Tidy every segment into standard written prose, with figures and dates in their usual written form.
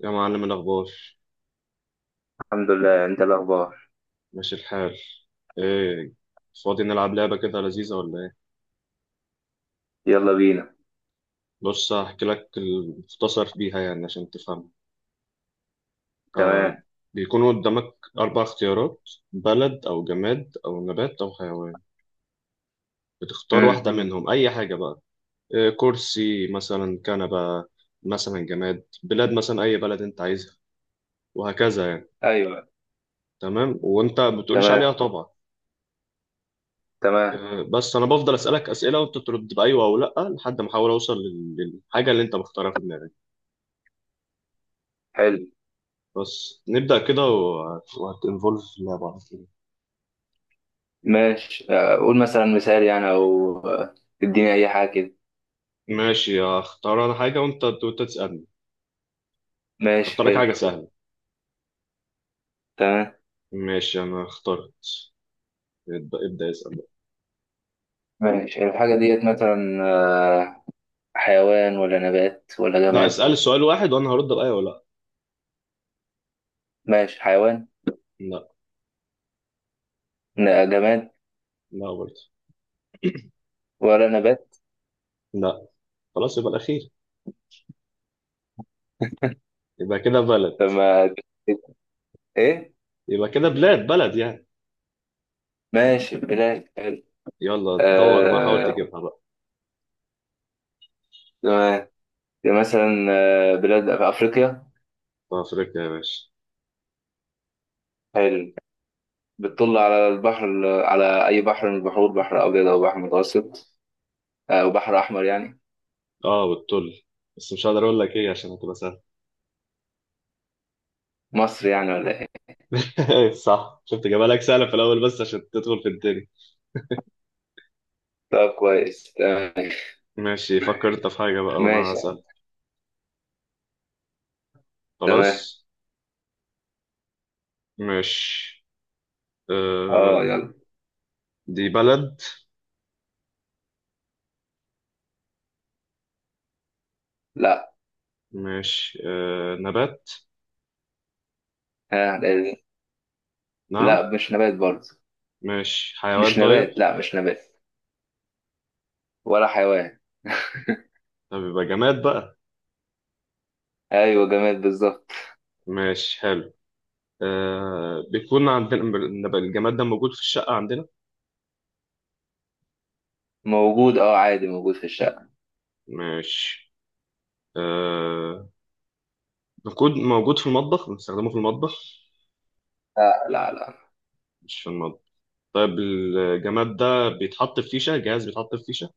يا معلم، الأخبار؟ الحمد لله. انت الاخبار؟ ماشي الحال. إيه؟ فاضي نلعب لعبة كده لذيذة ولا إيه؟ يلا بينا. بص، هحكي لك المختصر بيها يعني عشان تفهم. ف- تمام. بيكونوا قدامك أربع اختيارات: بلد أو جماد أو نبات أو حيوان. بتختار امم واحدة منهم، أي حاجة بقى. إيه، كرسي مثلا، كنبة مثلا، جماد، بلاد مثلا أي بلد أنت عايزها، وهكذا يعني. ايوه. تمام، وأنت ما بتقوليش عليها تمام. طبعا. تمام. بس انا بفضل اسالك اسئله وانت ترد بايوه او لا لحد ما احاول اوصل للحاجه اللي انت مختارها في دماغك. حلو. بس نبدا كده، وهتنفولف في اللعبه على طول. ماشي. قول مثلا مثال يعني، او اديني اي حاجه كده. ماشي، اختار انا حاجه وانت تسالني. ماشي اختار لك حاجه حلو. سهله. تمام. ماشي، انا اخترت. ابدا ابدا، اسال بقى. ماشي، الحاجه ديت مثلا آه، حيوان ولا نبات ولا لا، جماد؟ اسال السؤال واحد وانا هرد بايوه ولا ماشي. حيوان. لا. لا جماد لا برضه. ولا نبات؟ لا. خلاص، يبقى الاخير. يبقى كده بلد. طب ما ايه. يبقى كده بلاد، بلد يعني. ماشي، بلاد، حلو. يلا دور بقى، حاول آه... تجيبها بقى. تمام. مثلا بلاد في افريقيا. في افريقيا، يا باشا. حلو. بتطل على البحر، على أي بحر من البحور، بحر أبيض أو بحر متوسط أو بحر أحمر يعني. اه، والتل بس مش هقدر اقول لك ايه عشان هتبقى سهله. مصر يعني ولا إيه؟ صح، شفت جمالك؟ سهلة في الأول بس عشان تدخل في التاني. طب كويس، تمام. ماشي، فكر أنت في حاجة بقى وأنا ماشي. هسأل. تمام. خلاص. ماشي. آه يلا. دي بلد؟ لا. ماشي. نبات؟ ها لازم. نعم؟ لا مش نبات برضه. ماشي، حيوان مش طيب؟ نبات، لا مش نبات، ولا حيوان. طب يبقى جماد بقى. أيوه، جماد بالظبط. ماشي، حلو. بيكون عندنا الجماد ده موجود في الشقة عندنا؟ موجود، عادي، موجود في الشقة. ماشي. آه موجود في المطبخ، بنستخدمه في المطبخ؟ لا لا لا. مش في المطبخ. طيب الجماد ده بيتحط في فيشة، جهاز بيتحط في فيشة؟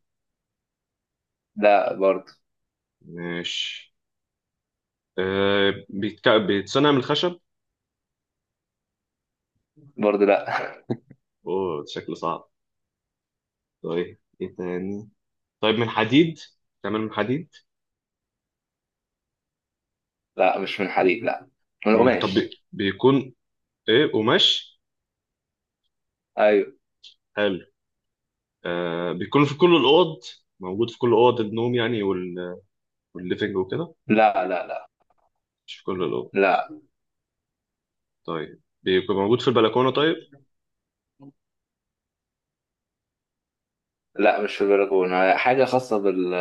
لا برضه. ماشي. بيتصنع من الخشب؟ برضه لا. اوه، شكله صعب. طيب ايه تاني؟ طيب من حديد؟ تعمل من حديد؟ لا مش من حديد، لا، من مم. طب قماش. بيكون، ايه، قماش؟ أيوه. حلو. بيكون في كل الاوض؟ موجود في كل اوض النوم يعني، والليفنج وكده؟ لا لا لا مش في كل الاوض. لا طيب بيكون موجود في البلكونه طيب؟ لا. مش في البلكونة، حاجة خاصة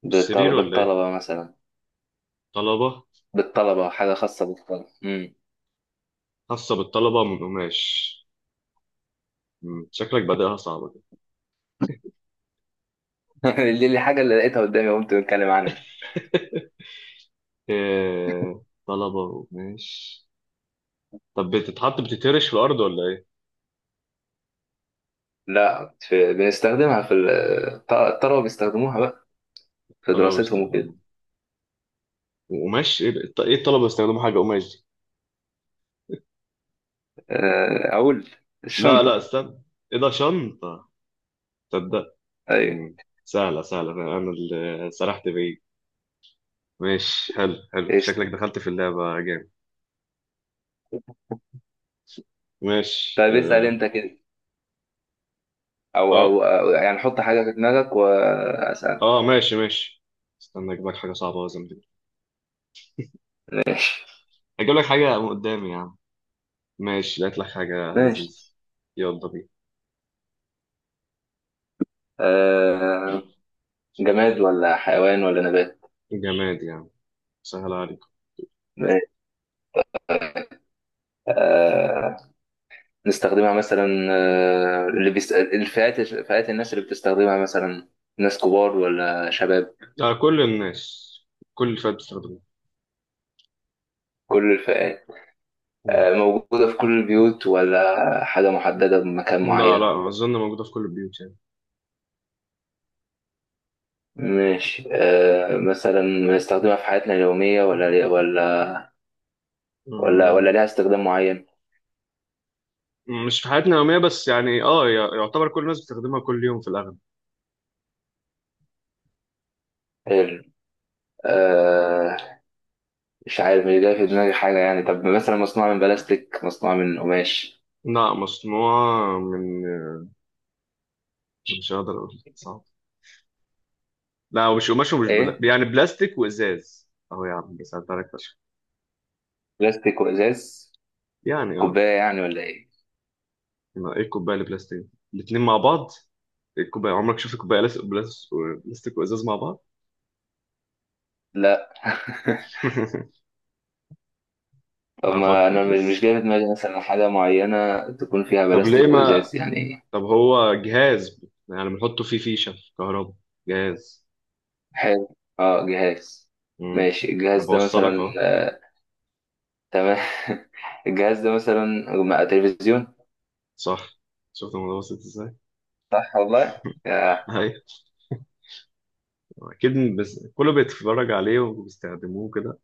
في السرير بالطلبة ولا ايه؟ بالطلبة مثلا، طلبه؟ بالطلبة، حاجة خاصة بالطلبة. خاصه بالطلبه، من قماش؟ شكلك بادئها صعبه دي. دي حاجة اللي لقيتها قدامي قمت بتكلم عنها. طلبه قماش. طب بتترش في الارض ولا ايه؟ لا، في بنستخدمها الطلبة بيستخدموها بقى في طلبة دراستهم وكده. بيستخدموها، وقماش؟ ايه إيه الطلبة بيستخدموا حاجة قماش دي؟ أقول لا لا، الشنطة. استنى. ايه ده، شنطة؟ تصدق. أيوة. مم. سهلة سهلة، انا اللي سرحت بعيد. ماشي، حلو حلو، شكلك قشطة. دخلت في اللعبة جامد. ماشي. طيب اسأل أنت كده، أو اه أو أو يعني حط حاجة في دماغك وأسأل. ماشي ماشي. استنى اجيب لك حاجة صعبة لازم دي. ماشي اجيب لك حاجة من قدامي، يا عم. ماشي، لقيت لك حاجة لذيذة. ماشي. يلا بينا. آه، جماد ولا حيوان ولا نبات؟ جماد يعني، سهل عليك. ماشي. آه، نستخدمها مثلا، فئات الناس اللي بتستخدمها مثلا، ناس كبار ولا شباب؟ لا، كل الناس. كل الفئات بتستخدمه. كل الفئات. مم. موجودة في كل البيوت ولا حاجة محددة بمكان لا، معين؟ لا أظن، موجودة في كل البيوت يعني. ماشي. مثلا بنستخدمها في حياتنا اليومية، ولا ولا آه، ليها استخدام معين؟ مش في حياتنا اليومية بس يعني، يعتبر كل الناس بتستخدمها كل يوم في الأغلب. حلو. آه، مش عارف، مش جاي في دماغي حاجة يعني. طب مثلا مصنوعة من بلاستيك، مصنوعة من قماش؟ لا، مصنوعة من، مش هقدر أقول، صعب. لا، ومش قماش ومش ايه، يعني بلاستيك وإزاز. أهو يا عم، ساعدت عليك فشخ. بلاستيك وازاز. يعني كوباية يعني ولا ايه؟ ما إيه، الكوباية اللي بلاستيك؟ الاتنين مع بعض؟ إيه الكوباية، عمرك شفت كوباية بلاستيك وإزاز مع بعض؟ لا. طب أنا ما أفكر انا مش لسه. جاي في دماغي مثلا حاجه معينه تكون فيها طب ليه بلاستيك ما، وازاز يعني. طب هو جهاز؟ يعني بنحطه فيه فيشة كهرباء؟ جهاز. حلو، اه جهاز. امم ماشي، أنا الجهاز ده بوصلك مثلا أهو. آه، تمام. الجهاز ده مثلا مع تلفزيون. صح، شفت الموضوع بسيط ازاي؟ صح والله. آه. ايوه، اكيد، بس كله بيتفرج عليه وبيستخدموه كده.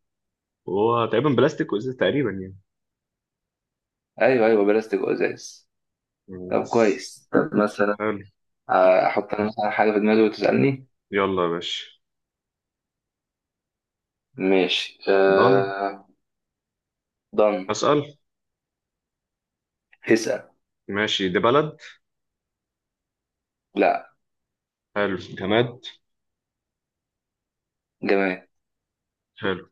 وهو تقريبا بلاستيك وازاز تقريبا يعني. ايوه ايوه، بلاستيك وازاز. يعني، طب بس. كويس، طب مثلا حلو. احط انا مثلا حاجه في دماغي وتسالني. يلا يا باشا. ماشي. ضن. آه. ضن. اسال. اسال. ماشي، دي بلد؟ لا حلو، جماد؟ جمال. حلو.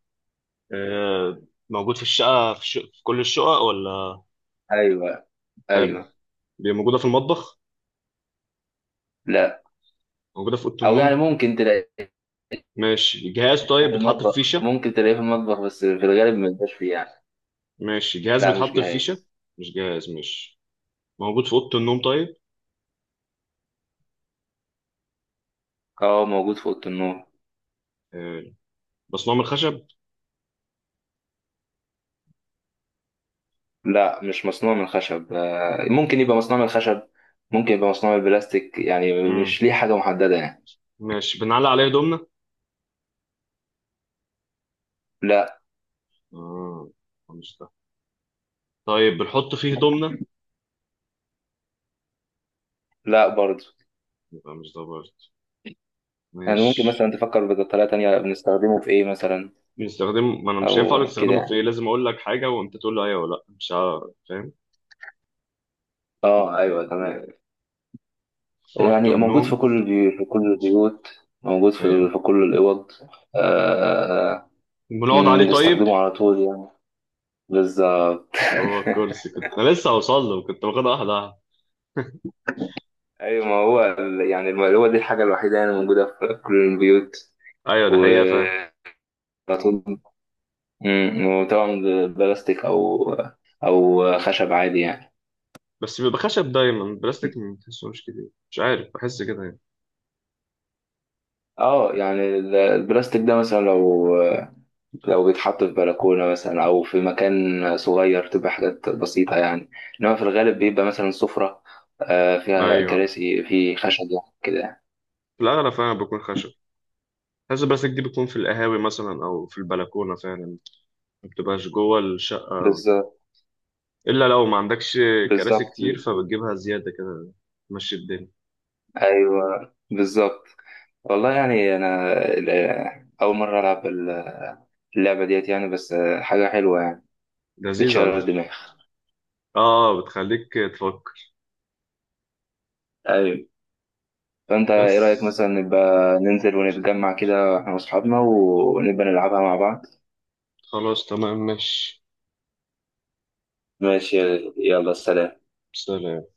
آه، موجود في الشقه، في كل الشقق ولا؟ ايوه حلو. ايوه. دي موجوده في المطبخ؟ لا. موجوده في اوضه او يعني النوم؟ ممكن تلاقي ماشي، جهاز طيب بيتحط في المطبخ، فيشه؟ ممكن تلاقيه في المطبخ بس في الغالب ما يبقاش فيه يعني. ماشي، جهاز لا مش بيتحط في فيشه؟ جاهز. مش جهاز، مش. موجود في اوضه النوم طيب؟ اه موجود في اوضه النوم. حلو. مصنوع من الخشب؟ لا مش مصنوع من الخشب، ممكن يبقى مصنوع من الخشب، ممكن يبقى مصنوع من البلاستيك، يعني مش ليه حاجه محدده يعني. ماشي، بنعلق عليه هدومنا؟ لا. اه، مش ده. طيب بنحط فيه هدومنا؟ لا برضه. يبقى مش ده برضه. يعني ممكن ماشي. مثلا تفكر بطريقه تانية، بنستخدمه في ايه مثلا. بنستخدم، ما انا مش هينفع اقول لك او كده استخدمه في ايه، يعني. لازم اقول لك حاجه وانت تقول لي ايوه ولا لا. مش عارف. فاهم. اه ايوه تمام. صوت يعني موجود النوم. في كل البيوت، في كل البيوت، موجود ايوه، في كل الاوض. آه، آه، آه، بنقعد عليه طيب؟ نستخدمه على طول يعني، بالظبط. هو الكرسي، كنت انا لسه هوصل له، كنت واخدها واحده واحده. ايوه، ما هو يعني هو دي الحاجه الوحيده يعني، موجوده في كل البيوت ايوه، ده و حقيقه، فاهم. على طول. وطبعا بلاستيك او خشب عادي يعني. بس بيبقى خشب دايما، البلاستيك ما بتحسوش كتير، مش عارف، بحس كده يعني. اه يعني البلاستيك ده مثلا لو، لو بيتحط في بلكونه مثلا او في مكان صغير تبقى حاجات بسيطه يعني. انما في الغالب بيبقى مثلا سفره فيها ايوه، كراسي في خشب يعني كده. في الاغلب فعلا بيكون خشب. حاسس البلاستيك دي بتكون في القهاوي مثلا او في البلكونه فعلا، ما بتبقاش جوه الشقه، بالظبط. الا لو ما عندكش كراسي بالظبط كتير فبتجيبها زياده كده، تمشي الدنيا. ايوه بالظبط. والله يعني انا اول مره العب اللعبه ديت يعني، بس حاجه حلوه يعني، لذيذه على بتشغل فكره. الدماغ. اه، بتخليك تفك. ايوه. فانت بس. ايه رايك مثلا نبقى ننزل ونتجمع كده احنا واصحابنا ونبقى نلعبها مع بعض. خلاص، تمام، ماشي. ماشي. يلا سلام. سلام.